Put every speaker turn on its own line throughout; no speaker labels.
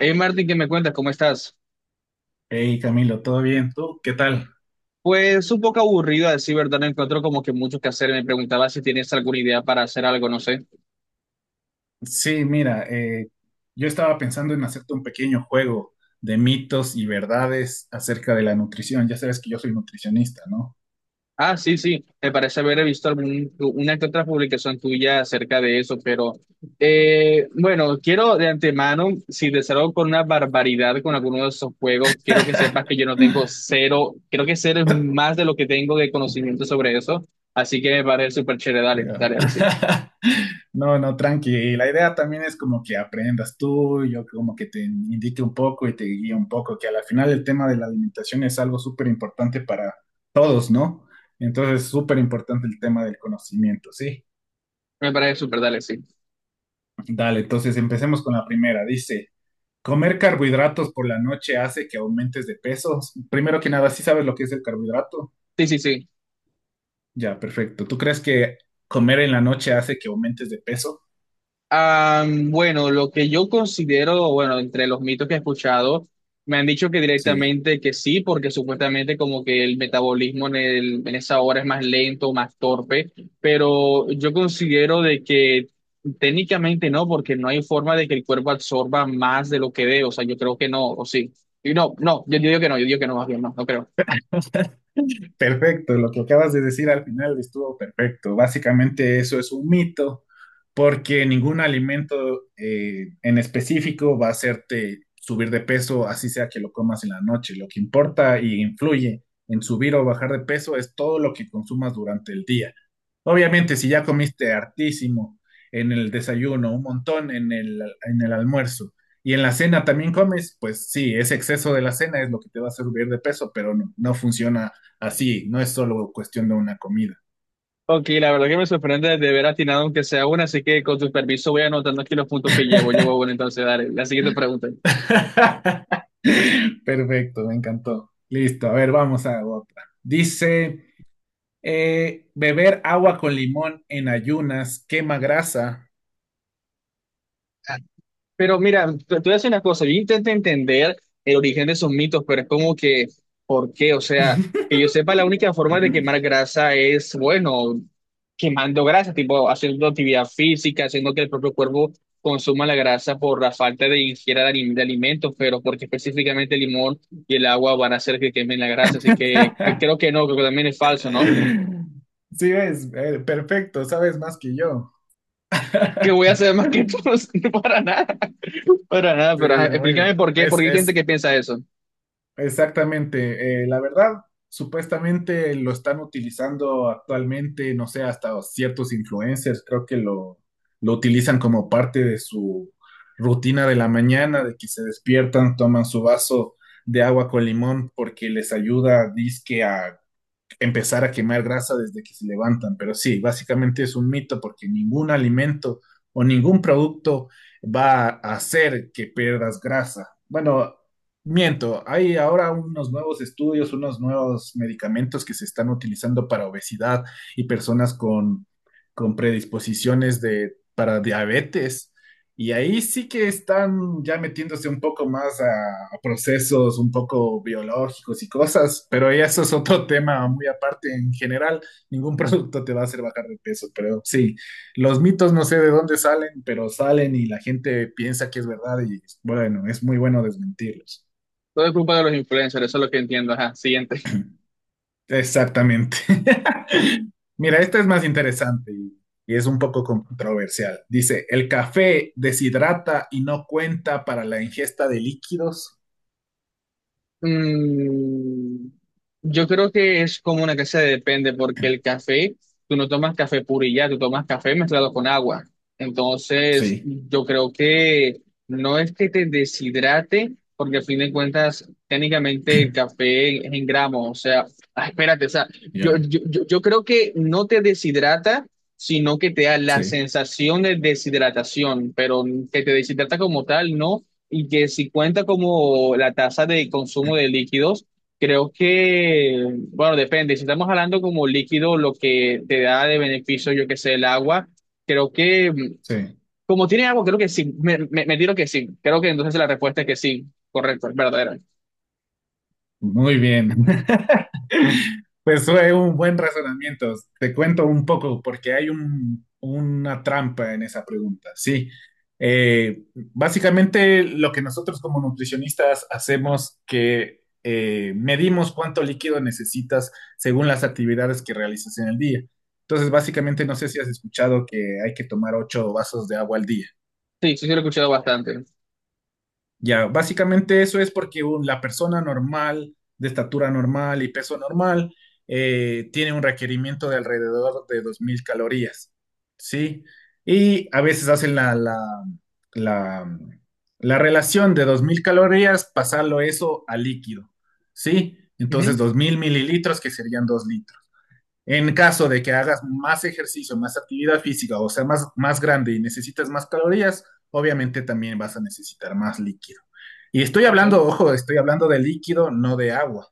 Hey Martín, ¿qué me cuentas? ¿Cómo estás?
Hey Camilo, ¿todo bien? ¿Tú qué tal?
Pues un poco aburrido a decir verdad, no encuentro como que mucho que hacer. Me preguntaba si tienes alguna idea para hacer algo, no sé.
Sí, mira, yo estaba pensando en hacerte un pequeño juego de mitos y verdades acerca de la nutrición. Ya sabes que yo soy nutricionista, ¿no?
Ah, sí, sí, me parece haber visto una que otra publicación tuya acerca de eso, pero bueno, quiero de antemano, si te salgo con una barbaridad con alguno de esos juegos, quiero que sepas que yo no tengo cero, creo que cero es más de lo que tengo de conocimiento sobre eso, así que me parece súper chévere, dale,
Ya.
dale, dale, sí.
No, no, tranqui. Y la idea también es como que aprendas tú, yo como que te indique un poco y te guíe un poco, que al final el tema de la alimentación es algo súper importante para todos, ¿no? Entonces, súper importante el tema del conocimiento, ¿sí?
Me parece súper, dale, sí.
Dale, entonces empecemos con la primera. Dice... Comer carbohidratos por la noche hace que aumentes de peso. Primero que nada, ¿sí sabes lo que es el carbohidrato?
Sí, sí, sí.
Ya, perfecto. ¿Tú crees que comer en la noche hace que aumentes de peso?
Ah, bueno, lo que yo considero, bueno, entre los mitos que he escuchado, me han dicho que
Sí.
directamente que sí, porque supuestamente como que el metabolismo en esa hora es más lento, más torpe, pero yo considero de que técnicamente no, porque no hay forma de que el cuerpo absorba más de lo que dé, o sea, yo creo que no, o sí. Y no, no, yo digo que no, yo digo que no, más bien, no, no creo.
Perfecto, lo que acabas de decir al final estuvo perfecto. Básicamente eso es un mito, porque ningún alimento en específico va a hacerte subir de peso, así sea que lo comas en la noche. Lo que importa y influye en subir o bajar de peso es todo lo que consumas durante el día. Obviamente, si ya comiste hartísimo en el desayuno, un montón en el almuerzo y en la cena también comes, pues sí, ese exceso de la cena es lo que te va a hacer subir de peso, pero no, no funciona así, no es solo cuestión de una comida.
Ok, la verdad que me sorprende de haber atinado aunque sea una, así que con tu permiso voy anotando aquí los puntos que llevo. Llevo, bueno, entonces, dale, la siguiente pregunta.
Perfecto, me encantó. Listo, a ver, vamos a otra. Dice, beber agua con limón en ayunas quema grasa.
Pero mira, te voy a decir una cosa, yo intento entender el origen de esos mitos, pero es como que, ¿por qué? O sea, que yo sepa, la única forma de quemar grasa es, bueno, quemando grasa, tipo haciendo actividad física, haciendo que el propio cuerpo consuma la grasa por la falta de de alimentos, pero porque específicamente el limón y el agua van a hacer que quemen la grasa, así que creo que no, creo que también es falso, ¿no?
Sí, es perfecto, sabes más que yo.
¿Qué voy a hacer más que tú? No, para nada,
Sí,
pero ajá,
muy
explícame
bien.
por qué,
Es,
porque hay gente
es
que piensa eso.
exactamente. La verdad, supuestamente lo están utilizando actualmente, no sé, hasta ciertos influencers, creo que lo utilizan como parte de su rutina de la mañana, de que se despiertan, toman su vaso de agua con limón porque les ayuda, dizque, a empezar a quemar grasa desde que se levantan, pero sí, básicamente es un mito porque ningún alimento o ningún producto va a hacer que pierdas grasa. Bueno, miento, hay ahora unos nuevos estudios, unos nuevos medicamentos que se están utilizando para obesidad y personas con predisposiciones de, para diabetes y ahí sí que están ya metiéndose un poco más a procesos un poco biológicos y cosas, pero ya eso es otro tema muy aparte. En general, ningún producto te va a hacer bajar de peso, pero sí, los mitos no sé de dónde salen, pero salen y la gente piensa que es verdad y bueno, es muy bueno desmentirlos.
Todo es culpa de los influencers, eso es lo que entiendo. Ajá, siguiente.
Exactamente. Mira, esta es más interesante y es un poco controversial. Dice, ¿el café deshidrata y no cuenta para la ingesta de líquidos?
Mm, yo creo que es como una que se depende, porque el café, tú no tomas café puro y ya, tú tomas café mezclado con agua. Entonces,
Sí,
yo creo que no es que te deshidrate, porque a fin de cuentas, técnicamente el café es en gramos. O sea, ah, espérate, o sea, yo,
yo,
yo, yo yo creo que no te deshidrata sino que te da la
sí,
sensación de deshidratación, pero que te deshidrata como tal, no, y que si cuenta como la tasa de consumo de líquidos, creo que, bueno, depende. Si estamos hablando como líquido, lo que te da de beneficio, yo que sé, el agua, creo que,
sí.
como tiene agua, creo que sí. Me tiro que sí. Creo que entonces la respuesta es que sí. Correcto, es verdadera.
Muy bien. Pues fue un buen razonamiento. Te cuento un poco porque hay una trampa en esa pregunta. Sí. Eh, básicamente lo que nosotros como nutricionistas hacemos que medimos cuánto líquido necesitas según las actividades que realizas en el día. Entonces, básicamente no sé si has escuchado que hay que tomar 8 vasos de agua al día.
Sí, sí, sí, lo he escuchado bastante.
Ya, básicamente eso es porque la persona normal, de estatura normal y peso normal, tiene un requerimiento de alrededor de 2.000 calorías, ¿sí? Y a veces hacen la, la relación de 2.000 calorías, pasarlo eso a líquido, ¿sí? Entonces
Ujú,
2.000 mililitros, que serían 2 litros. En caso de que hagas más ejercicio, más actividad física, o sea, más, más grande y necesitas más calorías, obviamente también vas a necesitar más líquido. Y estoy
ok.
hablando, ojo, estoy hablando de líquido, no de agua.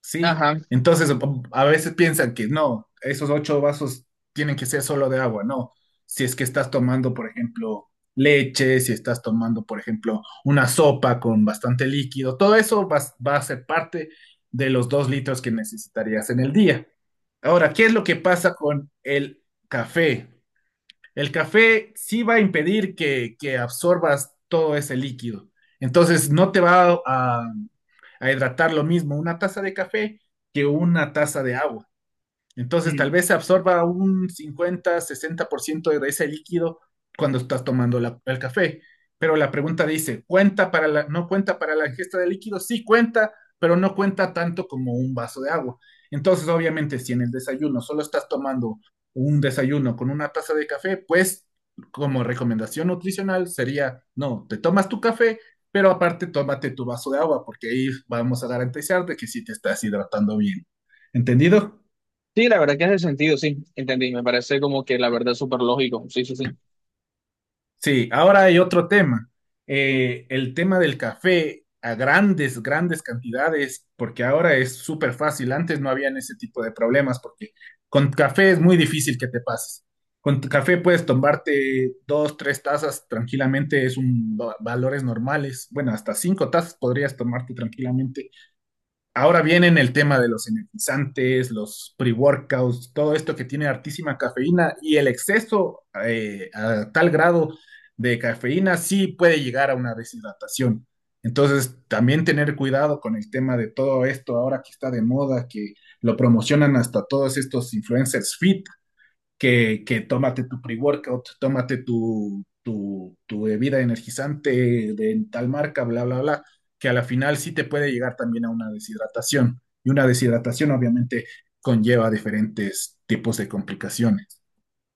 Sí,
Ajá.
entonces a veces piensan que no, esos 8 vasos tienen que ser solo de agua, no. Si es que estás tomando, por ejemplo, leche, si estás tomando, por ejemplo, una sopa con bastante líquido, todo eso va a ser parte de los 2 litros que necesitarías en el día. Ahora, ¿qué es lo que pasa con el café? El café sí va a impedir que absorbas todo ese líquido. Entonces, no te va a hidratar lo mismo una taza de café que una taza de agua. Entonces, tal
Mm.
vez se absorba un 50, 60% de ese líquido cuando estás tomando el café. Pero la pregunta dice, ¿cuenta para la, no cuenta para la ingesta de líquido? Sí cuenta, pero no cuenta tanto como un vaso de agua. Entonces, obviamente, si en el desayuno solo estás tomando un desayuno con una taza de café, pues como recomendación nutricional sería, no, te tomas tu café, pero aparte tómate tu vaso de agua, porque ahí vamos a garantizar de que sí te estás hidratando bien. ¿Entendido?
Sí, la verdad que hace sentido, sí. Entendí. Me parece como que la verdad es súper lógico. Sí, sí, sí.
Sí, ahora hay otro tema. El tema del café a grandes, grandes cantidades, porque ahora es súper fácil. Antes no habían ese tipo de problemas, porque con café es muy difícil que te pases. Con tu café puedes tomarte dos, tres tazas tranquilamente, es un valores normales. Bueno, hasta 5 tazas podrías tomarte tranquilamente. Ahora vienen el tema de los energizantes, los pre-workouts, todo esto que tiene altísima cafeína y el exceso a tal grado de cafeína sí puede llegar a una deshidratación. Entonces, también tener cuidado con el tema de todo esto ahora que está de moda, que lo promocionan hasta todos estos influencers fit, que tómate tu pre-workout, tómate tu bebida energizante de tal marca, bla, bla, bla, que a la final sí te puede llegar también a una deshidratación. Y una deshidratación obviamente conlleva diferentes tipos de complicaciones.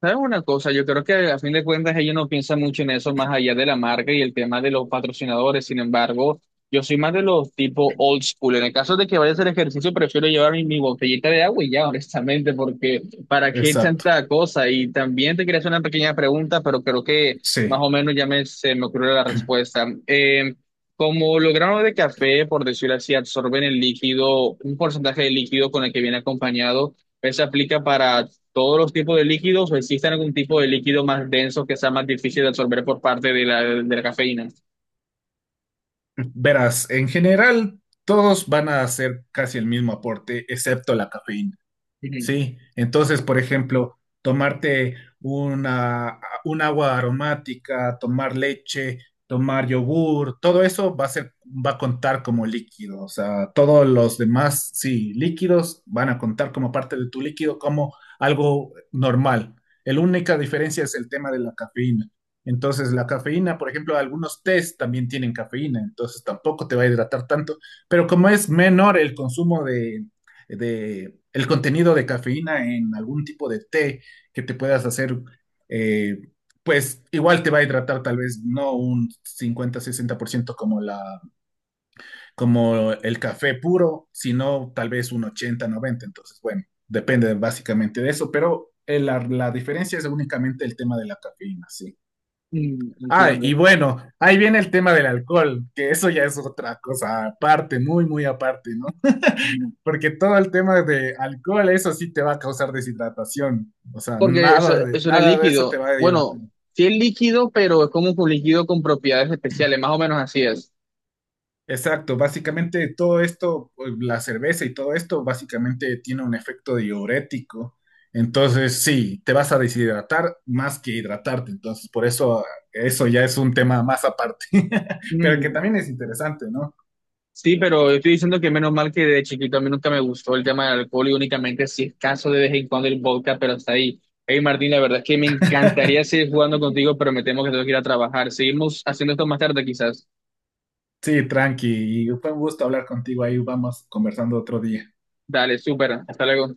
¿Sabes una cosa? Yo creo que a fin de cuentas ellos no piensan mucho en eso más allá de la marca y el tema de los patrocinadores. Sin embargo, yo soy más de los tipo old school. En el caso de que vaya a hacer ejercicio, prefiero llevar mi botellita de agua y ya, honestamente, porque ¿para qué
Exacto,
tanta cosa? Y también te quería hacer una pequeña pregunta, pero creo que
sí.
más o menos ya me, se me ocurrió la respuesta. Como los granos de café, por decirlo así, absorben el líquido, un porcentaje de líquido con el que viene acompañado. Eso aplica para todos los tipos de líquidos o existe algún tipo de líquido más denso que sea más difícil de absorber por parte de de la cafeína.
Verás, en general todos van a hacer casi el mismo aporte, excepto la cafeína.
Ujú.
Sí, entonces, por ejemplo, tomarte un agua aromática, tomar leche, tomar yogur, todo eso va a ser, va a contar como líquido. O sea, todos los demás, sí, líquidos van a contar como parte de tu líquido, como algo normal. La única diferencia es el tema de la cafeína. Entonces, la cafeína, por ejemplo, algunos tés también tienen cafeína, entonces tampoco te va a hidratar tanto, pero como es menor el consumo de el contenido de cafeína en algún tipo de té que te puedas hacer, eh, pues igual te va a hidratar tal vez no un 50 a 60% como, la, como el café puro, sino tal vez un 80-90%. Entonces, bueno, depende básicamente de eso, pero la diferencia es únicamente el tema de la cafeína, sí.
Mm,
Ah,
entiendo.
y bueno, ahí viene el tema del alcohol, que eso ya es otra cosa aparte, muy, muy aparte, ¿no? Porque todo el tema de alcohol, eso sí te va a causar deshidratación. O sea,
Porque eso,
nada de,
eso no es
nada de eso te
líquido.
va a hidratar.
Bueno, sí es líquido, pero es como un líquido con propiedades especiales, más o menos así es.
Exacto, básicamente todo esto, pues, la cerveza y todo esto, básicamente tiene un efecto diurético. Entonces, sí, te vas a deshidratar más que hidratarte. Entonces, por eso, eso ya es un tema más aparte, pero que
Mm,
también es interesante, ¿no?
sí, pero estoy diciendo que menos mal que de chiquito a mí nunca me gustó el tema del alcohol y únicamente si es caso de vez en cuando el vodka, pero hasta ahí. Hey Martín, la verdad es que me encantaría seguir jugando contigo, pero me temo que tengo que ir a trabajar. Seguimos haciendo esto más tarde quizás.
Sí, tranqui. Y fue un gusto hablar contigo ahí. Vamos conversando otro día.
Dale, súper. Hasta luego.